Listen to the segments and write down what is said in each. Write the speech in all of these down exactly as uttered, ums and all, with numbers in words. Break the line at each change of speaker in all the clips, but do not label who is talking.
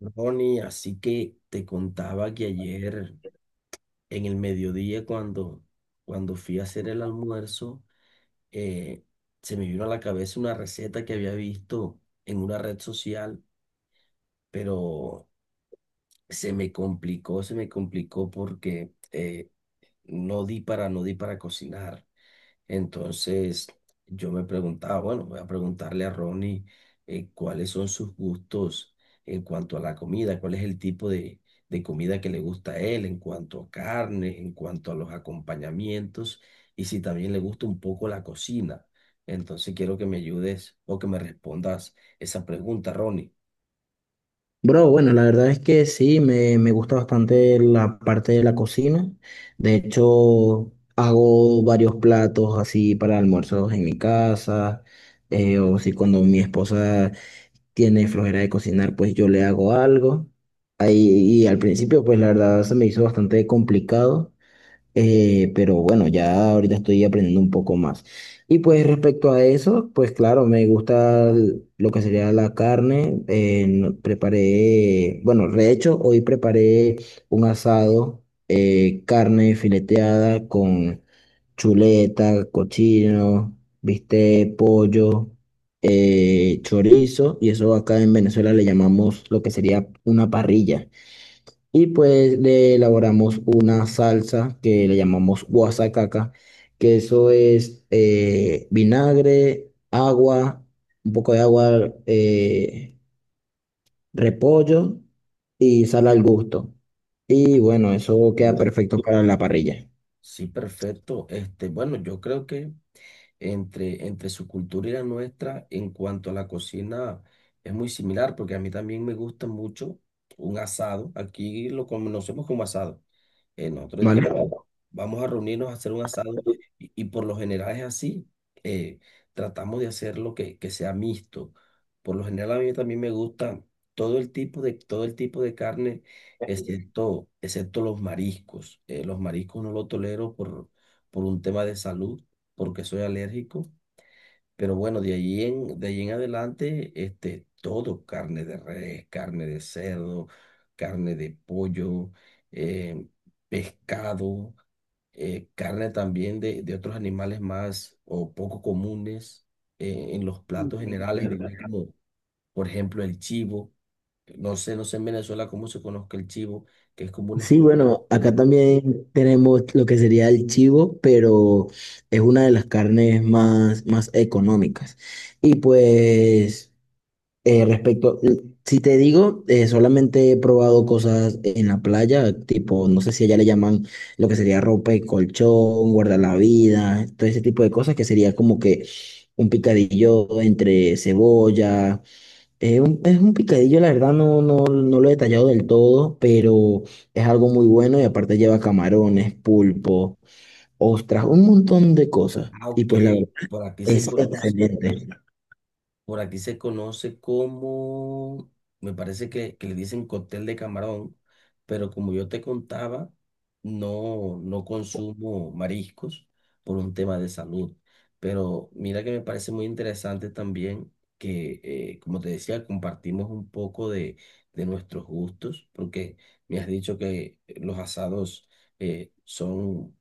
Ronnie, así que te contaba que ayer en el mediodía cuando, cuando fui a hacer el almuerzo, eh, se me vino a la cabeza una receta que había visto en una red social, pero se me complicó, se me complicó porque eh, no di para, no di para cocinar. Entonces yo me preguntaba, bueno, voy a preguntarle a Ronnie, eh, cuáles son sus gustos en cuanto a la comida, cuál es el tipo de, de comida que le gusta a él en cuanto a carne, en cuanto a los acompañamientos y si también le gusta un poco la cocina. Entonces quiero que me ayudes o que me respondas esa pregunta, Ronnie.
Bro, bueno, la verdad es que sí, me, me gusta bastante la parte de la cocina. De hecho, hago varios platos así para almuerzos en mi casa, eh, o si cuando mi esposa tiene flojera de cocinar, pues yo le hago algo. Ahí, y al principio, pues la verdad se me hizo bastante complicado. Eh, pero bueno, ya ahorita estoy aprendiendo un poco más. Y pues respecto a eso, pues claro, me gusta l- lo que sería la carne. Eh, no- preparé, bueno, de hecho, hoy preparé un asado, eh, carne fileteada con chuleta, cochino, bistec, pollo, eh, chorizo. Y eso acá en Venezuela le llamamos lo que sería una parrilla. Y pues le elaboramos una salsa que le llamamos guasacaca, que eso es eh, vinagre, agua, un poco de agua, eh, repollo y sal al gusto. Y bueno, eso queda
Perfecto.
perfecto para la parrilla,
Sí, perfecto. Este, bueno, yo creo que entre, entre su cultura y la nuestra en cuanto a la cocina es muy similar, porque a mí también me gusta mucho un asado. Aquí lo conocemos como asado. Eh, nosotros
¿vale?
dijimos, vamos a reunirnos a hacer un asado y, y por lo general es así. eh, Tratamos de hacerlo que, que sea mixto. Por lo general a mí también me gusta todo el tipo de, todo el tipo de carne, excepto, excepto los mariscos. Eh, los mariscos no los tolero por, por un tema de salud porque soy alérgico, pero bueno, de allí en, de allí en adelante, este, todo, carne de res, carne de cerdo, carne de pollo, eh, pescado, eh, carne también de, de otros animales más o poco comunes eh, en los platos generales, diría como por ejemplo el chivo. No sé, no sé en Venezuela cómo se conozca el chivo, que es como una
Sí,
especie
bueno, acá
de...
también tenemos lo que sería el chivo, pero es una de las carnes más, más económicas. Y pues... Eh, respecto, si te digo, eh, solamente he probado cosas en la playa, tipo, no sé si allá le llaman lo que sería ropa y colchón, guardar la vida, todo ese tipo de cosas que sería como que un picadillo entre cebolla. Eh, un- es un picadillo, la verdad no, no, no lo he detallado del todo, pero es algo muy bueno y aparte lleva camarones, pulpo, ostras, un montón de cosas.
Ah,
Y
ok,
pues la verdad
por aquí se
es
conoce.
excelente.
Por aquí se conoce como, me parece que, que le dicen cóctel de camarón, pero como yo te contaba, no, no consumo mariscos por un tema de salud. Pero mira que me parece muy interesante también que, eh, como te decía, compartimos un poco de, de nuestros gustos, porque me has dicho que los asados eh, son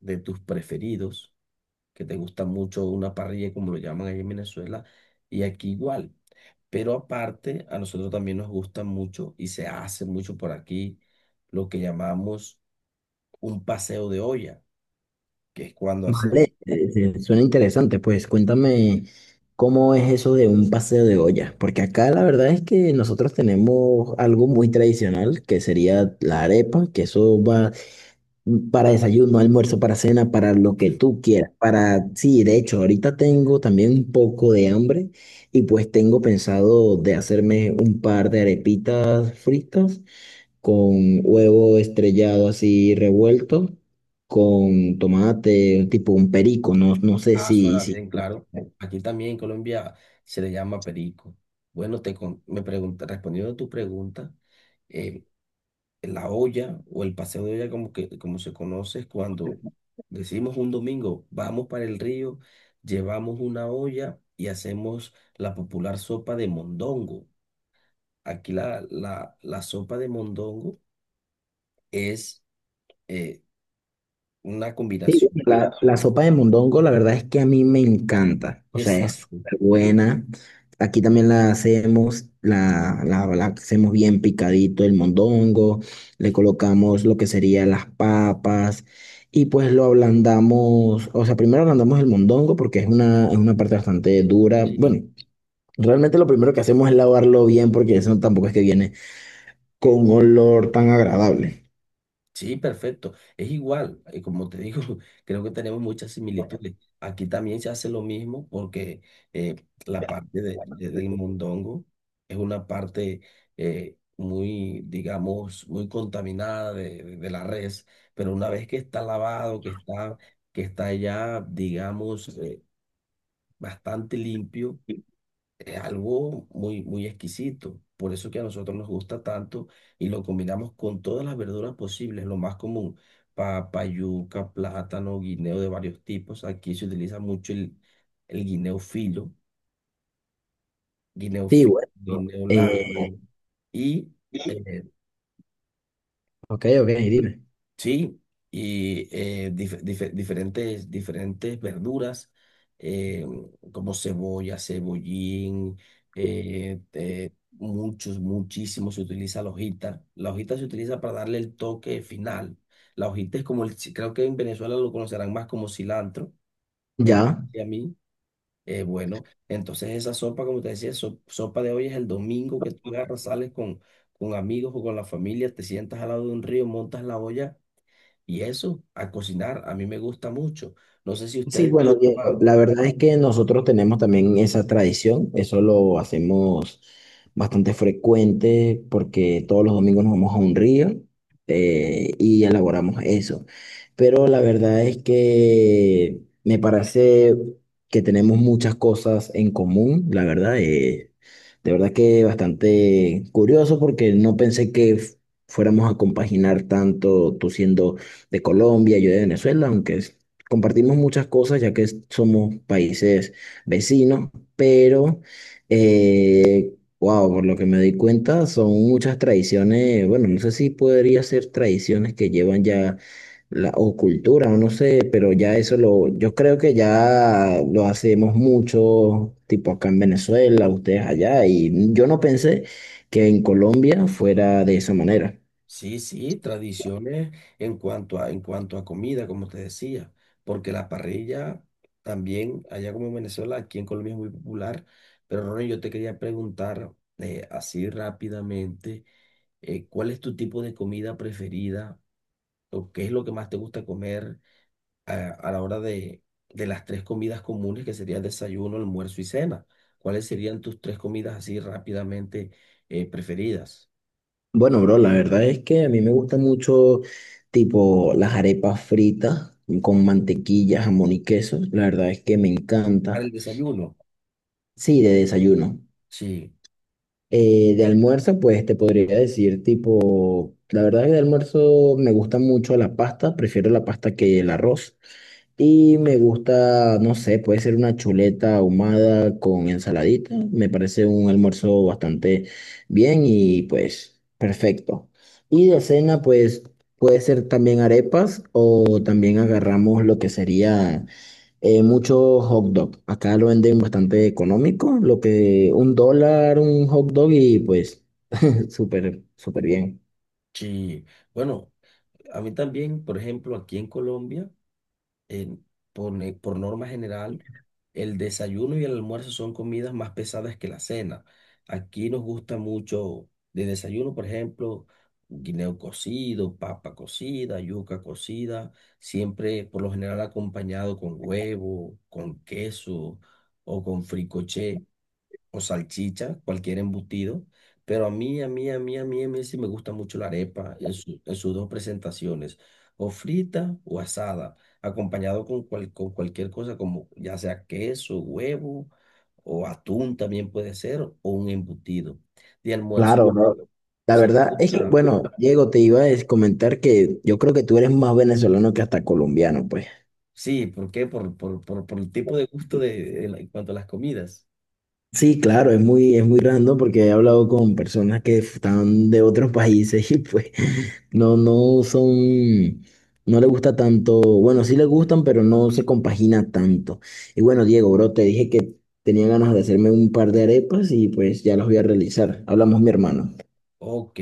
de tus preferidos, que te gusta mucho una parrilla, como lo llaman ahí en Venezuela, y aquí igual. Pero aparte, a nosotros también nos gusta mucho y se hace mucho por aquí lo que llamamos un paseo de olla, que es cuando hacemos,
Vale, eh, eh, suena interesante, pues cuéntame cómo es eso de un paseo de olla, porque acá la verdad es que nosotros tenemos algo muy tradicional que sería la arepa, que eso va para desayuno, almuerzo, para cena, para lo que tú quieras, para, sí, de hecho, ahorita tengo también un poco de hambre y pues tengo pensado de hacerme un par de arepitas fritas con huevo estrellado así revuelto, con tomate, tipo un perico, no, no sé
ah,
si,
suena
si...
bien, claro. Aquí también en Colombia se le llama perico. Bueno, te con- me pregunta, respondiendo a tu pregunta, eh, la olla o el paseo de olla como que como se conoce es cuando decimos un domingo, vamos para el río, llevamos una olla y hacemos la popular sopa de mondongo. Aquí la, la, la sopa de mondongo es, eh, una
Sí, bueno,
combinación.
la, la sopa de mondongo, la verdad es que a mí me encanta, o sea, es
Exacto.
súper buena. Aquí también la hacemos, la, la, la hacemos bien picadito el mondongo, le colocamos lo que serían las papas y pues lo ablandamos, o sea, primero ablandamos el mondongo porque es una, es una parte bastante dura,
Sí,
bueno, realmente lo primero que hacemos es lavarlo bien porque eso tampoco es que viene con olor tan agradable.
sí, perfecto. Es igual, eh, como te digo, creo que tenemos muchas similitudes. Aquí también se hace lo mismo porque eh, la parte de- de- del mondongo es una parte eh, muy, digamos, muy contaminada de, de- de la res, pero una vez que está lavado, que está, que está ya, digamos, eh, bastante limpio, es algo muy, muy exquisito. Por eso que a nosotros nos gusta tanto y lo combinamos con todas las verduras posibles, lo más común, papa, yuca, plátano, guineo de varios tipos. Aquí se utiliza mucho el, el guineo filo, guineo
Sí,
filo,
bueno. ¿No?
guineo
Eh,
largo y eh,
ok, ok, dime.
sí, y eh, dif- dife- diferentes, diferentes verduras, eh, como cebolla, cebollín, eh, eh, muchos, muchísimos, se utiliza la hojita. La hojita se utiliza para darle el toque final. La hojita es como el, ci- creo que en Venezuela lo conocerán más como cilantro, me
Ya.
parece a mí. Eh, bueno, entonces esa sopa, como te decía, so- sopa de hoy es el domingo, que tú agarras, sales con, con amigos o con la familia, te sientas al lado de un río, montas la olla y eso, a cocinar, a mí me gusta mucho. No sé si
Sí,
ustedes...
bueno, Diego,
Ah,
la verdad es que nosotros tenemos también esa tradición, eso lo hacemos bastante frecuente porque todos los domingos nos vamos a un río, eh, y elaboramos eso. Pero la verdad es que me parece que tenemos muchas cosas en común, la verdad, eh, de verdad que bastante curioso porque no pensé que f- fuéramos a compaginar tanto tú siendo de Colombia, yo de Venezuela, aunque compartimos muchas cosas ya que somos países vecinos, pero, eh, wow, por lo que me di cuenta, son muchas tradiciones, bueno, no sé si podría ser tradiciones que llevan ya, la, o cultura, no sé, pero ya eso lo, yo creo que ya lo hacemos mucho, tipo acá en Venezuela, ustedes allá, y yo no pensé que en Colombia fuera de esa manera.
sí, sí, tradiciones en cuanto a, en cuanto a comida, como te decía, porque la parrilla también, allá como en Venezuela, aquí en Colombia es muy popular. Pero Ronnie, yo te quería preguntar, eh, así rápidamente, eh, ¿cuál es tu tipo de comida preferida? ¿O qué es lo que más te gusta comer a, a la hora de, de las tres comidas comunes que serían desayuno, almuerzo y cena? ¿Cuáles serían tus tres comidas así rápidamente, eh, preferidas?
Bueno, bro, la verdad es que a mí me gusta mucho, tipo, las arepas fritas con mantequilla, jamón y queso. La verdad es que me
Para
encanta.
el desayuno.
Sí, de desayuno.
Sí,
Eh, de almuerzo, pues te podría decir, tipo, la verdad es que de almuerzo me gusta mucho la pasta, prefiero la pasta que el arroz. Y me gusta, no sé, puede ser una chuleta ahumada con ensaladita. Me parece un almuerzo bastante bien y pues perfecto. Y de cena, pues puede ser también arepas o también agarramos lo que sería eh, mucho hot dog. Acá lo venden bastante económico, lo que un dólar, un hot dog y pues súper, súper bien.
sí. Bueno, a mí también, por ejemplo, aquí en Colombia. eh, por, ne- por norma general, el desayuno y el almuerzo son comidas más pesadas que la cena. Aquí nos gusta mucho de desayuno, por ejemplo, guineo cocido, papa cocida, yuca cocida, siempre por lo general acompañado con huevo, con queso o con fricoché o salchicha, cualquier embutido, pero a mí, a mí, a mí, a mí, a mí sí me gusta mucho la arepa en su- en sus dos presentaciones, o frita o asada, acompañado con, cual- con cualquier cosa como ya sea queso, huevo o atún también puede ser, o un embutido. De almuerzo,
Claro, bro. La
sí
verdad
me
es que,
gusta.
bueno, Diego, te iba a es- comentar que yo creo que tú eres más venezolano que hasta colombiano, pues.
Sí, ¿por qué? Por, por, por, por el tipo de gusto de, en la- en cuanto a las comidas.
Sí, claro, es muy, es muy random porque he hablado con personas que están de otros países y pues no, no son, no les gusta tanto, bueno, sí les gustan, pero no se compagina tanto. Y bueno, Diego, bro, te dije que tenía ganas de hacerme un par de arepas y pues ya las voy a realizar. Hablamos, mi hermano.
Ok.